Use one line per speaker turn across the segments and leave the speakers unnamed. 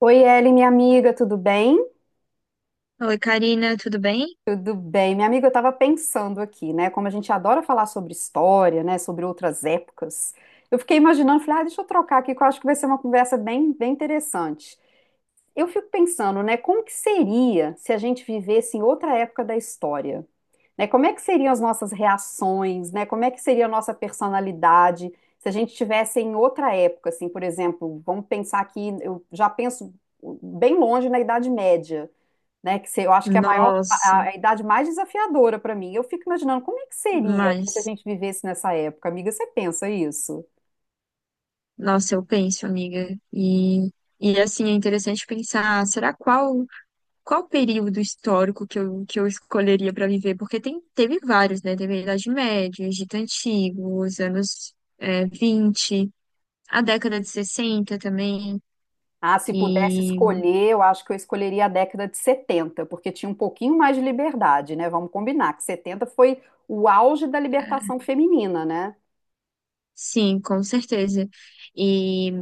Oi, Ellen, minha amiga, tudo bem?
Oi, Karina, tudo bem?
Tudo bem. Minha amiga, eu estava pensando aqui, né? Como a gente adora falar sobre história, né? Sobre outras épocas. Eu fiquei imaginando, falei, ah, deixa eu trocar aqui, que eu acho que vai ser uma conversa bem interessante. Eu fico pensando, né? Como que seria se a gente vivesse em outra época da história? Né? Como é que seriam as nossas reações, né? Como é que seria a nossa personalidade se a gente estivesse em outra época, assim, por exemplo, vamos pensar aqui, eu já penso bem longe na Idade Média. Né? Que se- Eu acho que é a maior,
Nossa,
a idade mais desafiadora para mim. Eu fico imaginando como é que seria, né, se a
mas,
gente vivesse nessa época, amiga. Você pensa isso?
nossa, eu penso, amiga, e assim, é interessante pensar, será qual período histórico que eu escolheria para viver? Porque teve vários, né? Teve a Idade Média, Egito Antigo, os anos 20, a década de 60 também,
Ah, se pudesse
e
escolher, eu acho que eu escolheria a década de setenta porque tinha um pouquinho mais de liberdade, né? Vamos combinar que 70 foi o auge da libertação feminina, né?
sim, com certeza. E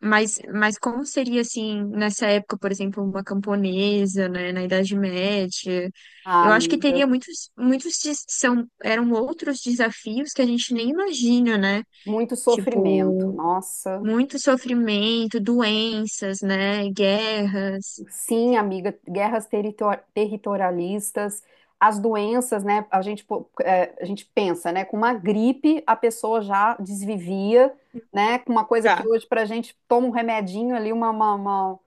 mas como seria assim, nessa época, por exemplo, uma camponesa, né, na Idade Média?
Ah,
Eu acho que
amiga,
teria eram outros desafios que a gente nem imagina, né?
muito sofrimento.
Tipo,
Nossa.
muito sofrimento, doenças, né, guerras.
Sim, amiga, territorialistas, as doenças, né? A gente, pô, é, a gente pensa, né? Com uma gripe, a pessoa já desvivia, né? Com uma coisa que
Já.
hoje, para a gente, toma um remedinho ali, uma, uma, uma,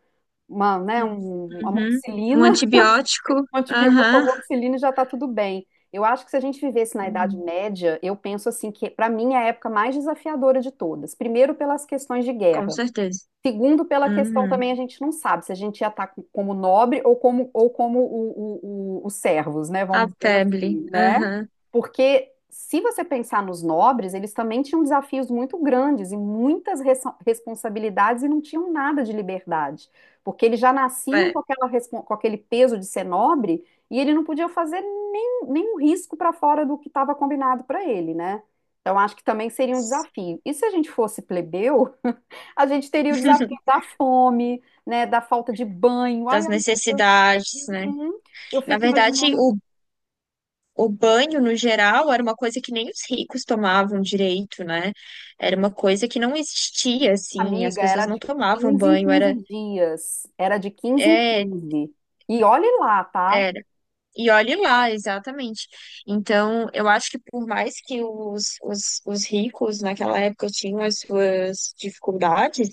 uma, né?
Hum.
Uma
Uhum. Um
amoxicilina,
antibiótico,
um antibiótico, uma
aham.
amoxicilina e já tá tudo bem. Eu acho que se a gente vivesse na Idade
Uhum.
Média, eu penso assim que, para mim, é a época mais desafiadora de todas. Primeiro, pelas questões de
Com
guerra.
certeza.
Segundo, pela questão
Uhum.
também, a gente não sabe se a gente ia estar como nobre ou como os servos, né?
A
Vamos dizer
febre,
assim, né?
aham.
Porque se você pensar nos nobres, eles também tinham desafios muito grandes e muitas responsabilidades e não tinham nada de liberdade, porque eles já nasciam com
É.
aquela com aquele peso de ser nobre e ele não podia fazer nem, nenhum risco para fora do que estava combinado para ele, né? Então, acho que também seria um desafio. E se a gente fosse plebeu? A gente teria o desafio da fome, né, da falta de banho. Ai,
Das
amiga,
necessidades, né?
uhum. Eu
Na
fico
verdade,
imaginando,
o banho, no geral, era uma coisa que nem os ricos tomavam direito, né? Era uma coisa que não existia, assim, as
amiga, era
pessoas não
de
tomavam
15 em
banho,
15 dias, era de quinze em
é,
quinze. E olhe lá, tá?
era. E olhe lá, exatamente. Então, eu acho que por mais que os ricos naquela época tinham as suas dificuldades,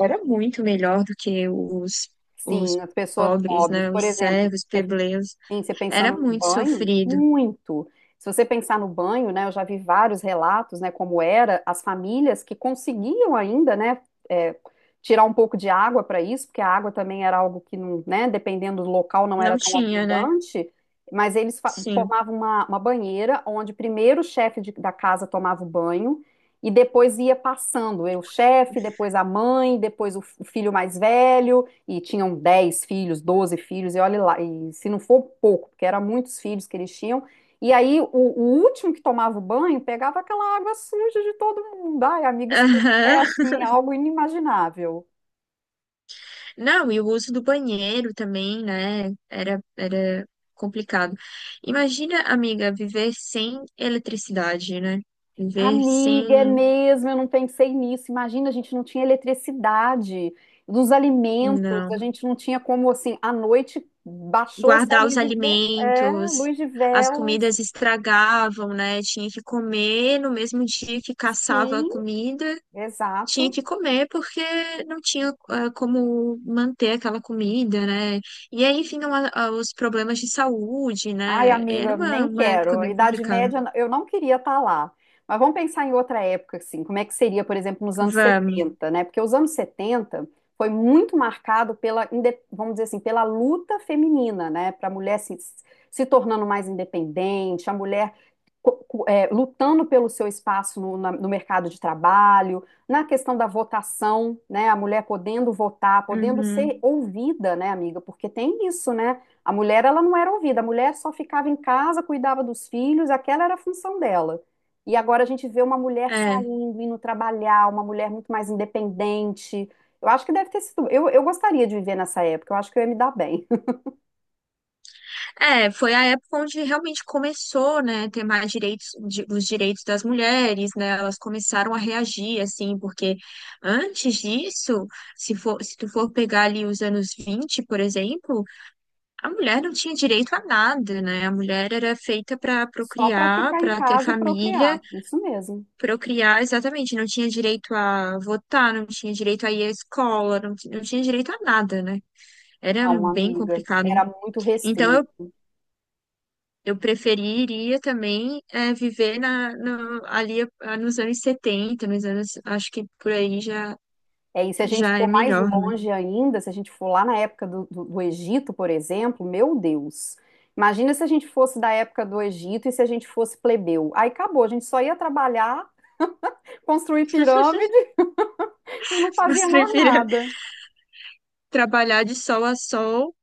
era muito melhor do que os
Sim, as pessoas
pobres,
pobres,
né?
por
Os
exemplo,
servos,
você.
plebeus.
Sim, você
Era
pensando no
muito
banho,
sofrido.
muito. Se você pensar no banho, né, eu já vi vários relatos, né, como era as famílias que conseguiam ainda, né, é, tirar um pouco de água para isso, porque a água também era algo que não, né, dependendo do local não
Não
era tão
tinha, né?
abundante, mas eles
Sim.
formavam uma banheira onde primeiro o da casa tomava o banho e depois ia passando, eu, o chefe, depois a mãe, depois o o filho mais velho e tinham 10 filhos, 12 filhos, e olha lá, e se não for pouco, porque eram muitos filhos que eles tinham, e aí o último que tomava o banho pegava aquela água suja de todo mundo. Ai, amiga, isso é
Aham.
assim, algo inimaginável.
Não, e o uso do banheiro também, né? Era complicado. Imagina, amiga, viver sem eletricidade, né? Viver
Amiga, é
sem.
mesmo, eu não pensei nisso. Imagina, a gente não tinha eletricidade dos alimentos, a
Não.
gente não tinha como, assim, à noite baixou essa
Guardar
luz
os
de velas. É,
alimentos,
luz de
as
velas.
comidas estragavam, né? Tinha que comer no mesmo dia que caçava a
Sim,
comida, tinha
exato.
que comer porque não tinha como manter aquela comida, né? E aí vinham os problemas de saúde,
Ai,
né? Era
amiga,
uma,
nem
uma época
quero. A
bem
Idade
complicada.
Média, eu não queria estar lá. Mas vamos pensar em outra época, assim, como é que seria, por exemplo, nos anos
Vamos.
70, né? Porque os anos 70 foi muito marcado pela, vamos dizer assim, pela luta feminina, né? Para a mulher se, se tornando mais independente, a mulher é, lutando pelo seu espaço no, no mercado de trabalho, na questão da votação, né? A mulher podendo votar, podendo
Uhum.
ser ouvida, né, amiga? Porque tem isso, né? A mulher, ela não era ouvida, a mulher só ficava em casa, cuidava dos filhos, aquela era a função dela. E agora a gente vê uma mulher
É.
saindo, indo trabalhar, uma mulher muito mais independente. Eu acho que deve ter sido. Eu gostaria de viver nessa época, eu acho que eu ia me dar bem.
É, foi a época onde realmente começou, né, ter mais direitos, os direitos das mulheres, né, elas começaram a reagir, assim, porque antes disso, se tu for pegar ali os anos 20, por exemplo. A mulher não tinha direito a nada, né? A mulher era feita para
Só para
procriar,
ficar em
para ter
casa e
família,
procriar. Isso mesmo.
procriar, exatamente. Não tinha direito a votar, não tinha direito a ir à escola, não tinha direito a nada, né? Era
Não,
bem
amiga,
complicado, hein?
era muito
Então
restrito.
eu, eu preferiria também viver na, no- ali nos anos 70, nos anos, acho que por aí já,
É, e se a gente
já é
for mais
melhor, né?
longe ainda, se a gente for lá na época do Egito, por exemplo, meu Deus. Imagina se a gente fosse da época do Egito e se a gente fosse plebeu. Aí acabou, a gente só ia trabalhar, construir pirâmide e não
Eu
fazia mais
preferia
nada.
trabalhar de sol a sol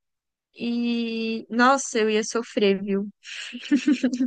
e, nossa, eu ia sofrer, viu?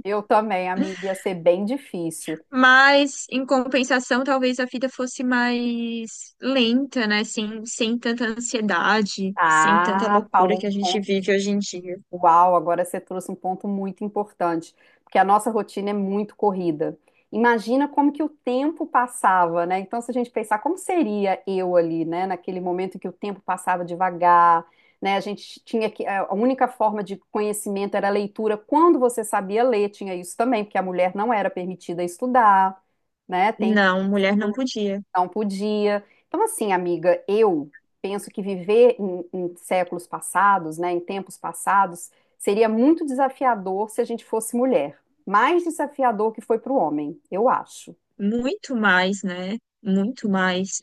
Eu também, amiga, ia ser bem difícil.
Mas, em compensação, talvez a vida fosse mais lenta, né? Sem tanta ansiedade, sem tanta
Ah,
loucura
falou
que a gente
um.
vive hoje em dia.
Uau, agora você trouxe um ponto muito importante, porque a nossa rotina é muito corrida. Imagina como que o tempo passava, né? Então, se a gente pensar como seria eu ali, né, naquele momento em que o tempo passava devagar, né? A gente tinha que a única forma de conhecimento era a leitura. Quando você sabia ler, tinha isso também, porque a mulher não era permitida estudar, né? Tem,
Não, mulher não podia.
não podia. Então, assim, amiga, eu penso que viver em séculos passados, né, em tempos passados, seria muito desafiador se a gente fosse mulher. Mais desafiador que foi para o homem, eu acho.
Muito mais, né? Muito mais.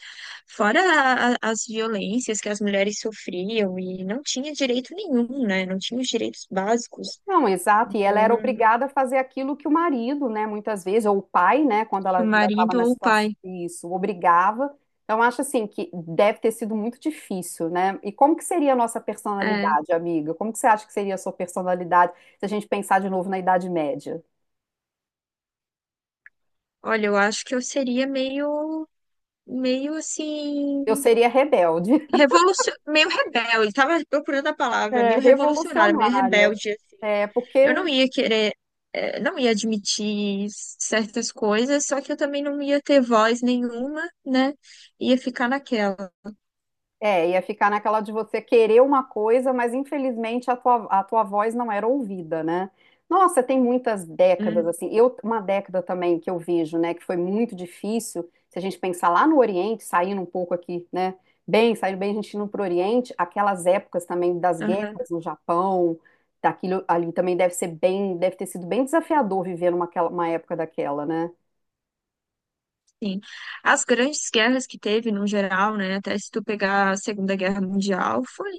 Fora as violências que as mulheres sofriam e não tinha direito nenhum, né? Não tinha os direitos básicos.
Não, exato. E ela
Então,
era obrigada a fazer aquilo que o marido, né, muitas vezes, ou o pai, né, quando ela
o
ainda estava
marido
na
ou o
situação,
pai.
isso, obrigava. Então, acho assim que deve ter sido muito difícil, né? E como que seria a nossa
É,
personalidade, amiga? Como que você acha que seria a sua personalidade se a gente pensar de novo na Idade Média?
olha, eu acho que eu seria meio
Eu
assim.
seria rebelde,
Meio rebelde, tava procurando a palavra,
é,
meio revolucionário, meio
revolucionária.
rebelde, assim.
É,
Eu
porque
não ia querer, eh, Não ia admitir certas coisas, só que eu também não ia ter voz nenhuma, né? Ia ficar naquela.
é, ia ficar naquela de você querer uma coisa, mas infelizmente a tua voz não era ouvida, né? Nossa, tem muitas décadas,
Hum.
assim. Eu, uma década também que eu vejo, né, que foi muito difícil, se a gente pensar lá no Oriente, saindo um pouco aqui, né? Bem, saindo bem, a gente indo para o Oriente, aquelas épocas também das
Aham.
guerras no Japão, daquilo ali também deve ser bem, deve ter sido bem desafiador viver numa uma época daquela, né?
Sim. As grandes guerras que teve, no geral, né? Até se tu pegar a Segunda Guerra Mundial, foi,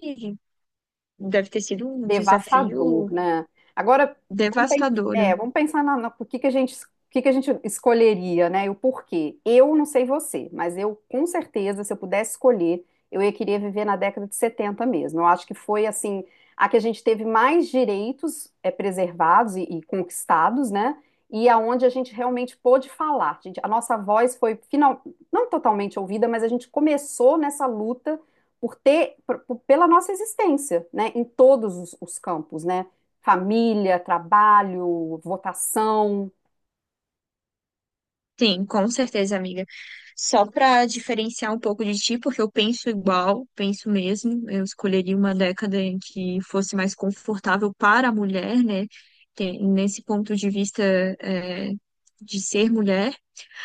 deve ter sido um
Devastador,
desafio
né? Agora, vamos pensar,
devastador,
é,
né?
vamos pensar por que que a gente, o que que a gente escolheria, né? E o porquê. Eu não sei você, mas eu, com certeza, se eu pudesse escolher, eu ia querer viver na década de 70 mesmo. Eu acho que foi, assim, a que a gente teve mais direitos é, preservados e conquistados, né? E aonde a gente realmente pôde falar. Gente, a nossa voz foi, final, não totalmente ouvida, mas a gente começou nessa luta por ter, pela nossa existência, né, em todos os campos, né, família, trabalho, votação,
Sim, com certeza, amiga. Só para diferenciar um pouco de ti, porque eu penso igual, penso mesmo. Eu escolheria uma década em que fosse mais confortável para a mulher, né? Nesse ponto de vista, é, de ser mulher,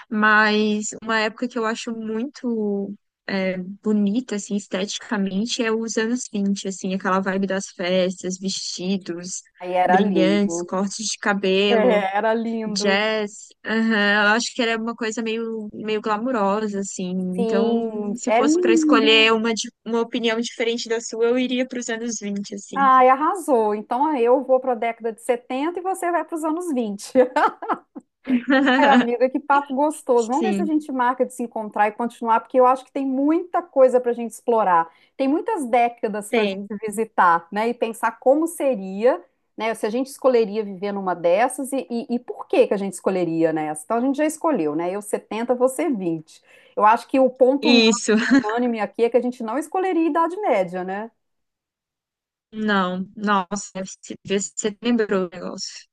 mas uma época que eu acho muito é, bonita, assim, esteticamente, é os anos 20, assim, aquela vibe das festas, vestidos
aí era
brilhantes,
lindo.
cortes de cabelo.
É, era lindo.
Jazz, aham, eu acho que era uma coisa meio glamurosa, assim.
Sim,
Então, se
é
fosse para
lindo.
escolher uma opinião diferente da sua, eu iria para os anos 20, assim.
Ai, arrasou. Então eu vou para a década de 70 e você vai para os anos 20. Ai, amiga, que papo gostoso. Vamos ver se a
Sim,
gente marca de se encontrar e continuar, porque eu acho que tem muita coisa para a gente explorar. Tem muitas décadas para a
tem.
gente visitar, né? E pensar como seria, né? Se a gente escolheria viver numa dessas e por que que a gente escolheria nessa. Então a gente já escolheu, né? Eu 70 você vinte. Eu acho que o ponto não
Isso.
unânime aqui é que a gente não escolheria Idade Média, né?
Não, nossa, você lembrou o negócio.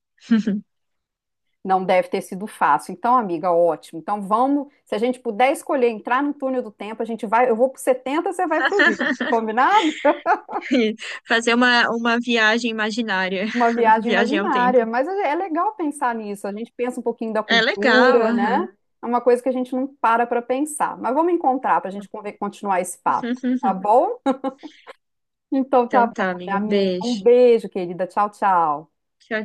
Não deve ter sido fácil. Então, amiga, ótimo. Então, vamos, se a gente puder escolher entrar no túnel do tempo, a gente vai, eu vou pro 70, você vai pro 20. Combinado?
Fazer uma viagem imaginária,
Uma viagem
viagem ao
imaginária,
tempo.
mas é legal pensar nisso. A gente pensa um pouquinho da
É legal,
cultura, né?
aham.
É uma coisa que a gente não para para pensar. Mas vamos encontrar para a gente continuar esse papo, tá bom? Então tá
Então
bom,
tá,
minha
amigo, um
amiga. Um
beijo.
beijo, querida. Tchau, tchau.
Tchau,